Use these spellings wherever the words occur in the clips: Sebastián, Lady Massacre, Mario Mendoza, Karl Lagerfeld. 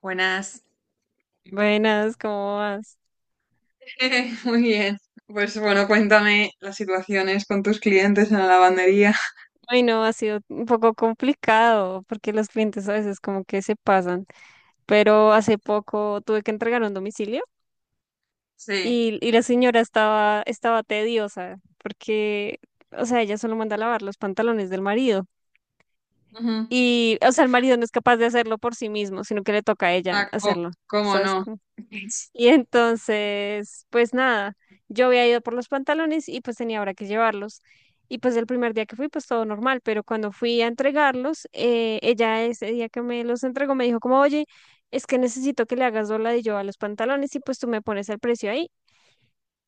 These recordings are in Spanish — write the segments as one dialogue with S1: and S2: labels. S1: Buenas.
S2: Buenas, ¿cómo vas?
S1: Muy bien. Pues bueno, cuéntame las situaciones con tus clientes en la lavandería.
S2: Bueno, ha sido un poco complicado porque los clientes a veces como que se pasan, pero hace poco tuve que entregar un domicilio
S1: Sí.
S2: y la señora estaba tediosa porque, o sea, ella solo manda a lavar los pantalones del marido
S1: Ujú.
S2: y, o sea, el marido no es capaz de hacerlo por sí mismo, sino que le toca a ella
S1: Ah, co-
S2: hacerlo,
S1: ¿cómo
S2: ¿sabes?
S1: no? Es-
S2: Y entonces, pues nada, yo había ido por los pantalones y pues tenía ahora que llevarlos. Y pues el primer día que fui, pues todo normal, pero cuando fui a entregarlos, ella ese día que me los entregó me dijo como, oye, es que necesito que le hagas yo a los pantalones y pues tú me pones el precio ahí.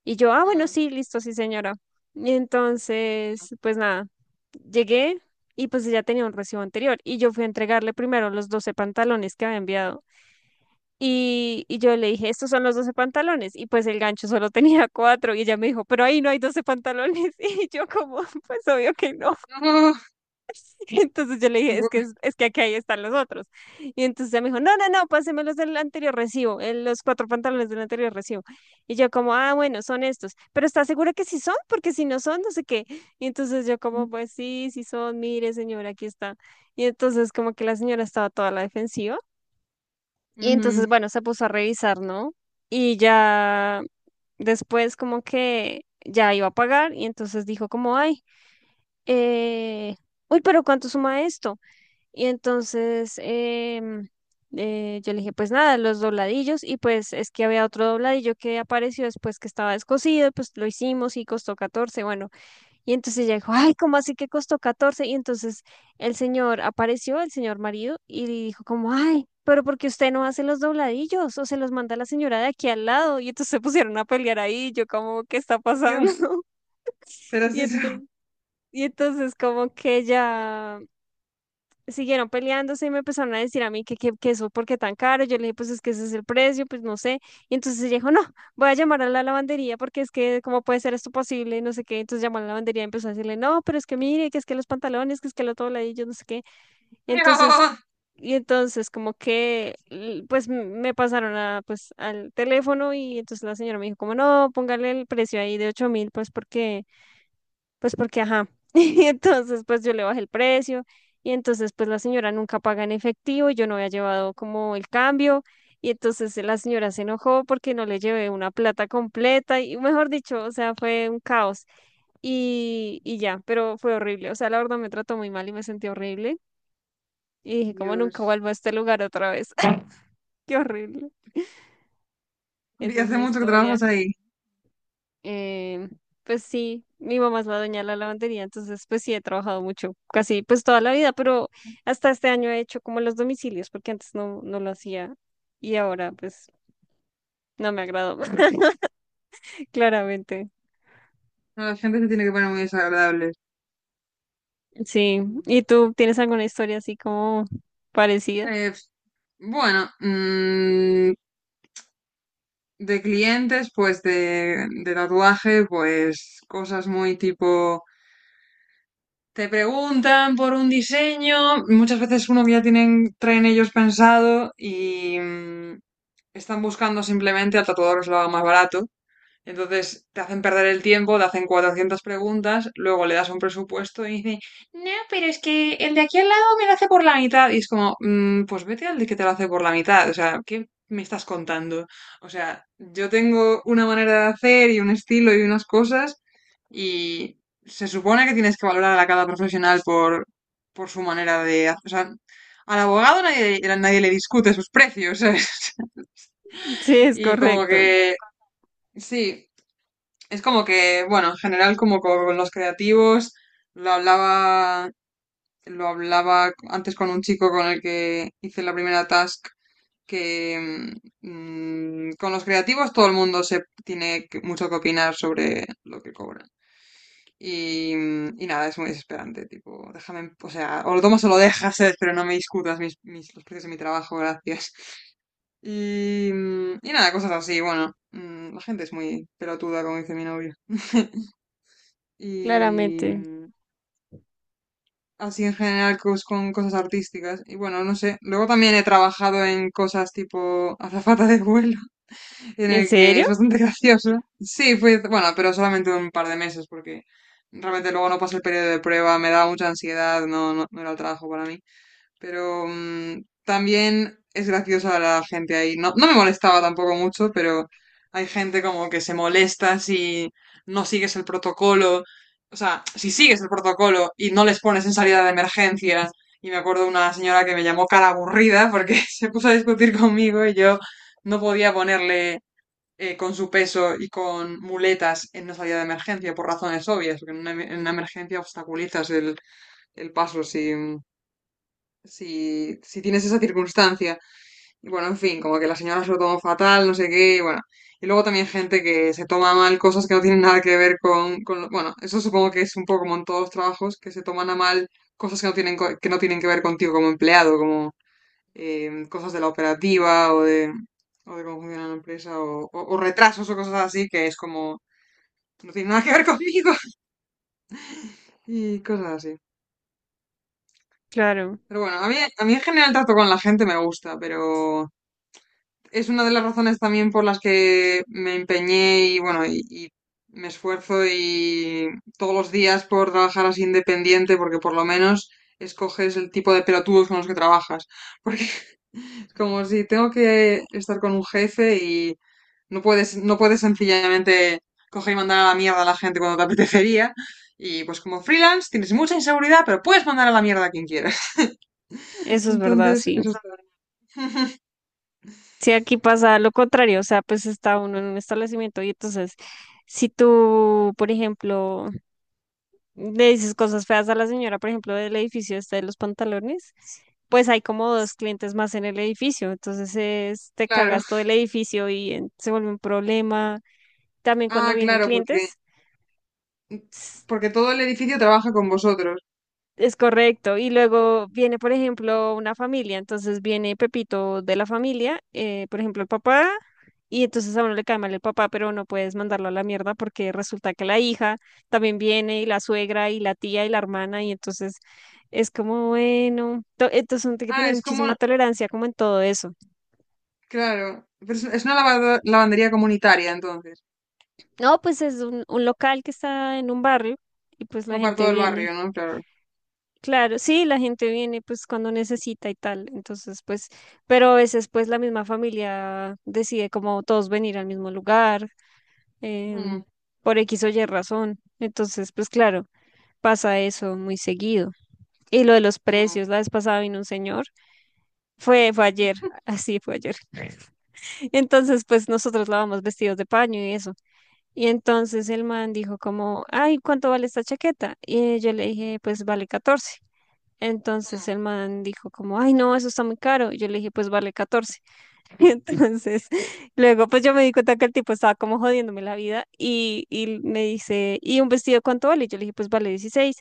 S2: Y yo, ah, bueno,
S1: Mm.
S2: sí, listo, sí, señora. Y entonces, pues nada, llegué y pues ella tenía un recibo anterior y yo fui a entregarle primero los 12 pantalones que había enviado. Y yo le dije, estos son los 12 pantalones. Y pues el gancho solo tenía cuatro. Y ella me dijo, pero ahí no hay 12 pantalones. Y yo como, pues obvio que no.
S1: No.
S2: Entonces yo le dije, es
S1: Ujú.
S2: que, es, es que aquí ahí están los otros. Y entonces ella me dijo, no, no, no, páseme los del anterior recibo, los cuatro pantalones del anterior recibo. Y yo como, ah, bueno, son estos. Pero ¿estás segura que sí son? Porque si no son, no sé qué. Y entonces yo como, pues sí, sí son, mire, señora, aquí está. Y entonces como que la señora estaba toda a la defensiva. Y entonces,
S1: Ujú.
S2: bueno, se puso a revisar, ¿no? Y ya después como que ya iba a pagar y entonces dijo como, ay, eh, uy, pero ¿cuánto suma esto? Y entonces yo le dije, pues nada, los dobladillos y pues es que había otro dobladillo que apareció después que estaba descosido, pues lo hicimos y costó 14, bueno, y entonces ella dijo, ay, ¿cómo así que costó 14? Y entonces el señor apareció, el señor marido, y le dijo como, ay, pero porque usted no hace los dobladillos o se los manda la señora de aquí al lado. Y entonces se pusieron a pelear ahí, yo como, ¿qué está
S1: Oh,
S2: pasando?
S1: Dios, pero es
S2: Y
S1: eso.
S2: entonces, y entonces como que ella siguieron peleándose y me empezaron a decir a mí que eso, ¿por qué tan caro? Yo le dije, pues es que ese es el precio, pues no sé. Y entonces ella dijo, no, voy a llamar a la lavandería porque es que, ¿cómo puede ser esto posible? No sé qué. Entonces llamó a la lavandería y empezó a decirle, no, pero es que mire, que es que los pantalones, que es que lo todo, y yo no sé qué. Entonces,
S1: No.
S2: entonces, como que, me pasaron a, pues, al teléfono y entonces la señora me dijo, como no, póngale el precio ahí de 8.000, pues porque ajá. Y entonces pues yo le bajé el precio y entonces pues la señora nunca paga en efectivo, yo no había llevado como el cambio y entonces la señora se enojó porque no le llevé una plata completa y mejor dicho, o sea, fue un caos y ya, pero fue horrible, o sea, la verdad me trató muy mal y me sentí horrible y dije como
S1: Dios.
S2: nunca vuelvo a este lugar otra vez, qué horrible,
S1: ¿Y
S2: esa es
S1: hace
S2: mi
S1: mucho que trabajas
S2: historia.
S1: ahí?
S2: Eh, pues sí, mi mamá es la dueña de la lavandería, entonces pues sí he trabajado mucho, casi pues toda la vida, pero hasta este año he hecho como los domicilios, porque antes no, no lo hacía y ahora pues no me agradó, claramente.
S1: No, la gente se tiene que poner muy desagradable.
S2: Sí,
S1: Mm.
S2: ¿y tú tienes alguna historia así como parecida?
S1: Eh, bueno, de clientes, pues de tatuaje, pues cosas muy tipo. Te preguntan por un diseño, muchas veces uno que ya tienen, traen ellos pensado y están buscando simplemente al tatuador que se lo haga más barato. Entonces te hacen perder el tiempo, te hacen 400 preguntas, luego le das un presupuesto y dicen, no, pero es que el de aquí al lado me lo hace por la mitad. Y es como, "Mm, pues vete al de que te lo hace por la mitad. O sea, ¿qué me estás contando? O sea, yo tengo una manera de hacer y un estilo y unas cosas y se supone que tienes que valorar a cada profesional por su manera de hacer. O sea, al abogado nadie, nadie le discute sus precios, ¿sabes?
S2: Sí, es
S1: Y como
S2: correcto,
S1: que, sí, es como que, bueno, en general como con los creativos, lo hablaba, lo hablaba antes con un chico con el que hice la primera task, que con los creativos todo el mundo se tiene que- mucho que opinar sobre lo que cobran. Y y nada, es muy desesperante, tipo, déjame, en- o sea, o lo tomas o lo dejas, ¿eh? pero no me discutas los precios de mi trabajo, gracias. Y y nada, cosas así, bueno, la gente es muy pelotuda, como dice mi novio. y
S2: claramente.
S1: mm, así en general cos- con cosas artísticas. Y bueno, no sé. Luego también he trabajado en cosas tipo azafata de vuelo, en
S2: ¿En
S1: el que
S2: serio?
S1: es bastante gracioso. Sí, fue, bueno, pero solamente un par de meses porque realmente luego no pasé el periodo de prueba, me daba mucha ansiedad, no era el trabajo para mí. Pero también es graciosa la gente ahí. No, no me molestaba tampoco mucho, pero hay gente como que se molesta si no sigues el protocolo. O sea, si sigues el protocolo y no les pones en salida de emergencia. Y me acuerdo una señora que me llamó cara aburrida porque se puso a discutir conmigo y yo no podía ponerle con su peso y con muletas en una salida de emergencia por razones obvias, porque en una, en una emergencia obstaculizas el paso si, si tienes esa circunstancia. Y bueno, en fin, como que la señora se lo tomó fatal, no sé qué, y bueno. Y luego también gente que se toma mal cosas que no tienen nada que ver con lo- bueno, eso supongo que es un poco como en todos los trabajos, que se toman a mal cosas que no tienen, co- que no tienen que ver contigo como empleado, como cosas de la operativa o de cómo funciona la empresa o retrasos o cosas así, que es como, no tiene nada que ver conmigo y cosas así.
S2: Claro,
S1: Pero bueno, a mí en general el trato con la gente me gusta, pero es una de las razones también por las que me empeñé y bueno, y me esfuerzo y todos los días por trabajar así independiente, porque por lo menos escoges el tipo de pelotudos con los que trabajas. Porque es como si tengo que estar con un jefe y no puedes sencillamente coger y mandar a la mierda a la gente cuando te apetecería. Y pues como freelance tienes mucha inseguridad, pero puedes mandar a la mierda a quien quieras.
S2: eso es verdad,
S1: Entonces,
S2: sí.
S1: eso está
S2: Si aquí pasa lo contrario, o sea, pues está uno en un establecimiento y entonces, si tú, por ejemplo, le dices cosas feas a la señora, por ejemplo, del edificio este de los pantalones, pues hay como dos clientes más en el edificio, entonces es, te
S1: claro.
S2: cagas todo el edificio y se vuelve un problema. También cuando
S1: Ah,
S2: vienen
S1: claro, porque,
S2: clientes,
S1: porque todo el edificio trabaja con vosotros.
S2: es correcto. Y luego viene, por ejemplo, una familia. Entonces viene Pepito de la familia, por ejemplo, el papá. Y entonces a uno le cae mal el papá, pero no puedes mandarlo a la mierda porque resulta que la hija también viene y la suegra y la tía y la hermana. Y entonces es como, bueno, entonces uno tiene que
S1: Ah,
S2: tener
S1: es como,
S2: muchísima tolerancia como en todo eso.
S1: claro, pero es una lavado- lavandería comunitaria, entonces,
S2: No, pues es un local que está en un barrio y pues la
S1: como para
S2: gente
S1: todo el barrio,
S2: viene.
S1: ¿no? Claro.
S2: Claro, sí, la gente viene pues cuando necesita y tal, entonces pues, pero a veces pues la misma familia decide como todos venir al mismo lugar, em,
S1: Mm,
S2: por X o Y razón, entonces pues claro, pasa eso muy seguido. Y lo de los
S1: mm,
S2: precios, la vez pasada vino un señor, fue ayer,
S1: mm,
S2: así fue ayer. Entonces pues nosotros lavamos vestidos de paño y eso. Y entonces el man dijo como, ay, ¿cuánto vale esta chaqueta? Y yo le dije, pues vale 14. Entonces el man dijo como, ay, no, eso está muy caro. Y yo le dije, pues vale 14. Entonces, luego pues yo me di cuenta que el tipo estaba como jodiéndome la vida y me dice, ¿y un vestido cuánto vale? Y yo le dije, pues vale 16.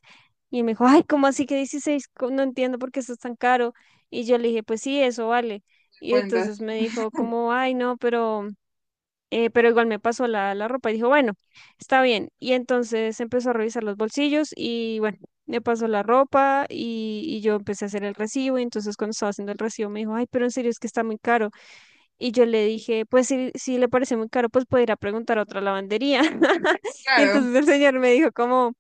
S2: Y me dijo, ay, ¿cómo así que 16? No entiendo por qué eso es tan caro. Y yo le dije, pues sí, eso vale.
S1: te
S2: Y entonces
S1: cuentas.
S2: me dijo como, ay, no, pero igual me pasó la, la ropa y dijo, bueno, está bien. Y entonces empezó a revisar los bolsillos y bueno, me pasó la ropa y yo empecé a hacer el recibo. Y entonces cuando estaba haciendo el recibo me dijo, ay, pero en serio es que está muy caro. Y yo le dije, pues si le parece muy caro, pues puede ir a preguntar a otra lavandería. Y
S1: Claro,
S2: entonces el señor me dijo como...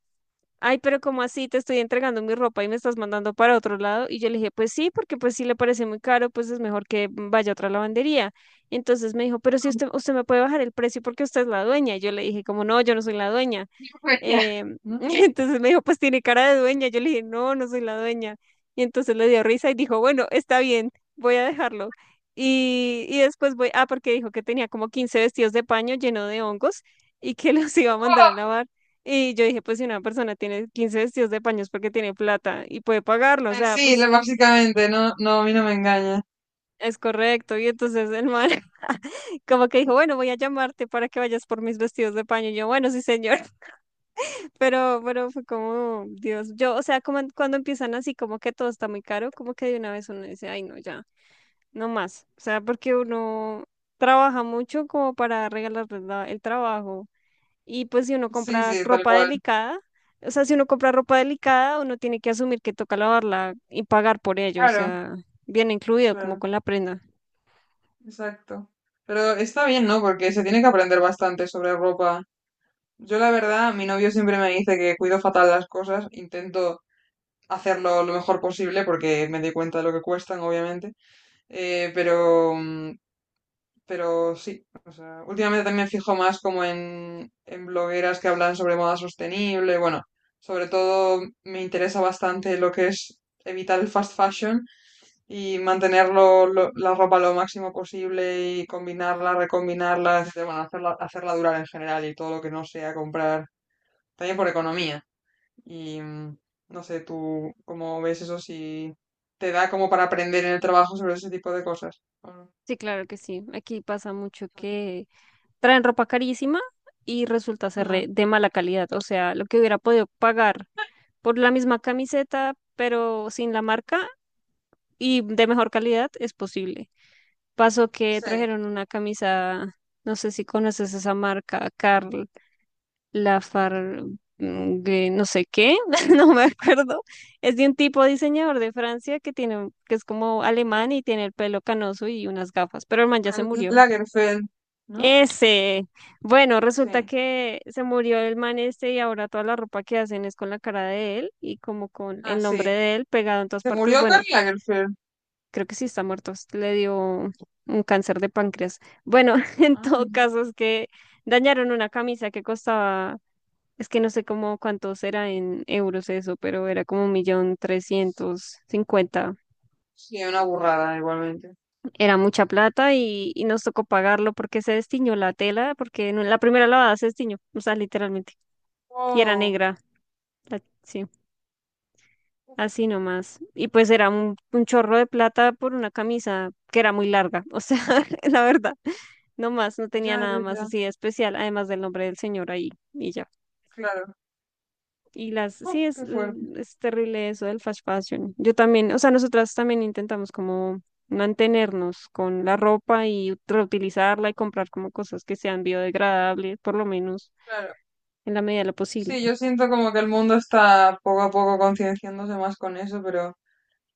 S2: Ay, pero ¿cómo así? Te estoy entregando mi ropa y me estás mandando para otro lado. Y yo le dije, pues sí, porque pues si le parece muy caro, pues es mejor que vaya a otra lavandería. Entonces me dijo, pero si usted me puede bajar el precio porque usted es la dueña. Y yo le dije, como no, yo no soy la dueña.
S1: pues ya, ¿no?
S2: Entonces me dijo, pues tiene cara de dueña. Yo le dije, no, no soy la dueña. Y entonces le dio risa y dijo, bueno, está bien, voy a dejarlo. Y después voy, ah, porque dijo que tenía como 15 vestidos de paño lleno de hongos y que los iba a mandar a lavar. Y yo dije, pues si una persona tiene 15 vestidos de paños porque tiene plata y puede pagarlo, o sea,
S1: Sí,
S2: pues
S1: lo- básicamente, no, no, a mí no me engaña.
S2: es correcto. Y entonces el man como que dijo, bueno, voy a llamarte para que vayas por mis vestidos de paño. Y yo, bueno, sí, señor. Pero fue como, Dios, yo, o sea, como cuando empiezan así, como que todo está muy caro, como que de una vez uno dice, ay, no, ya, no más. O sea, porque uno trabaja mucho como para regalar el trabajo. Y pues si uno
S1: Sí,
S2: compra
S1: sí, tal
S2: ropa
S1: cual.
S2: delicada, o sea, si uno compra ropa delicada, uno tiene que asumir que toca lavarla y pagar por ello, o
S1: Claro,
S2: sea, viene incluido como
S1: claro,
S2: con la prenda.
S1: exacto. Pero está bien, ¿no? Porque se tiene que aprender bastante sobre ropa. Yo, la verdad, mi novio siempre me dice que cuido fatal las cosas, intento hacerlo lo mejor posible porque me doy cuenta de lo que cuestan, obviamente. Pero pero sí, o sea, últimamente también me fijo más como en blogueras que hablan sobre moda sostenible. Bueno, sobre todo me interesa bastante lo que es evitar el fast fashion y mantener la ropa lo máximo posible y combinarla, recombinarla, etcétera. Bueno, hacerla, hacerla durar en general y todo lo que no sea comprar, también por economía. Y mm, no sé, tú cómo ves eso, si te da como para aprender en el trabajo sobre ese tipo de cosas, ¿o no?
S2: Sí, claro que sí. Aquí pasa mucho que traen ropa carísima y resulta ser de mala calidad, o sea, lo que hubiera podido pagar por la misma camiseta, pero sin la marca y de mejor calidad, es posible. Pasó que
S1: Sí,
S2: trajeron una camisa, no sé si conoces esa marca, Karl Lafar, mm, que no sé qué, no me acuerdo. Es de un tipo diseñador de Francia que tiene, que es como alemán y tiene el pelo canoso y unas gafas, pero el man ya se
S1: Karl
S2: murió.
S1: Lagerfeld, ¿no?
S2: Ese, bueno, resulta
S1: Sí.
S2: que se murió el man este y ahora toda la ropa que hacen es con la cara de él y como con
S1: Ah,
S2: el
S1: sí.
S2: nombre de él pegado en todas
S1: Se
S2: partes.
S1: murió Karl
S2: Bueno,
S1: Lagerfeld.
S2: creo que sí está muerto, le dio un cáncer de páncreas. Bueno, en todo
S1: Ay,
S2: caso es que dañaron una camisa que costaba, es que no sé cómo cuántos era en euros eso, pero era como 1.350.000.
S1: sí, una burrada igualmente.
S2: Era mucha plata y nos tocó pagarlo porque se destiñó la tela, porque en la primera lavada se destiñó, o sea, literalmente, y era
S1: Oh,
S2: negra, sí.
S1: uf,
S2: Así nomás. Y pues era un chorro de plata por una camisa que era muy larga, o sea, la verdad, no más, no tenía
S1: ya,
S2: nada
S1: ya,
S2: más
S1: ya.
S2: así de especial, además del nombre del señor ahí y ya.
S1: Claro.
S2: Y las,
S1: Oh,
S2: sí, es,
S1: qué fuerte.
S2: mm, es terrible eso del fast fashion. Yo también, o sea, nosotras también intentamos como mantenernos con la ropa y reutilizarla y comprar como cosas que sean biodegradables, por lo menos
S1: Claro.
S2: en la medida de lo posible.
S1: Sí, yo siento como que el mundo está poco a poco concienciándose más con eso, pero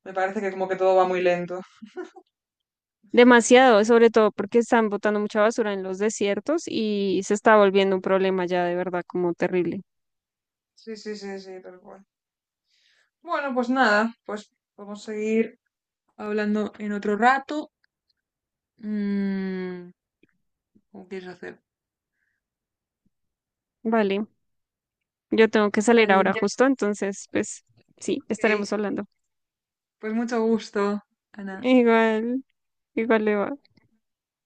S1: me parece que como que todo va muy lento.
S2: Demasiado, sobre todo porque están botando mucha basura en los desiertos y se está volviendo un problema ya de verdad como terrible.
S1: Sí, sí, sí, sí, tal cual. Bueno, pues nada, pues podemos seguir hablando en otro rato. Mm, ¿cómo quieres hacer?
S2: Vale, yo tengo que salir
S1: Vale.
S2: ahora justo, entonces pues sí,
S1: Ok.
S2: estaremos hablando.
S1: Pues mucho gusto, Ana.
S2: Igual, igual le va.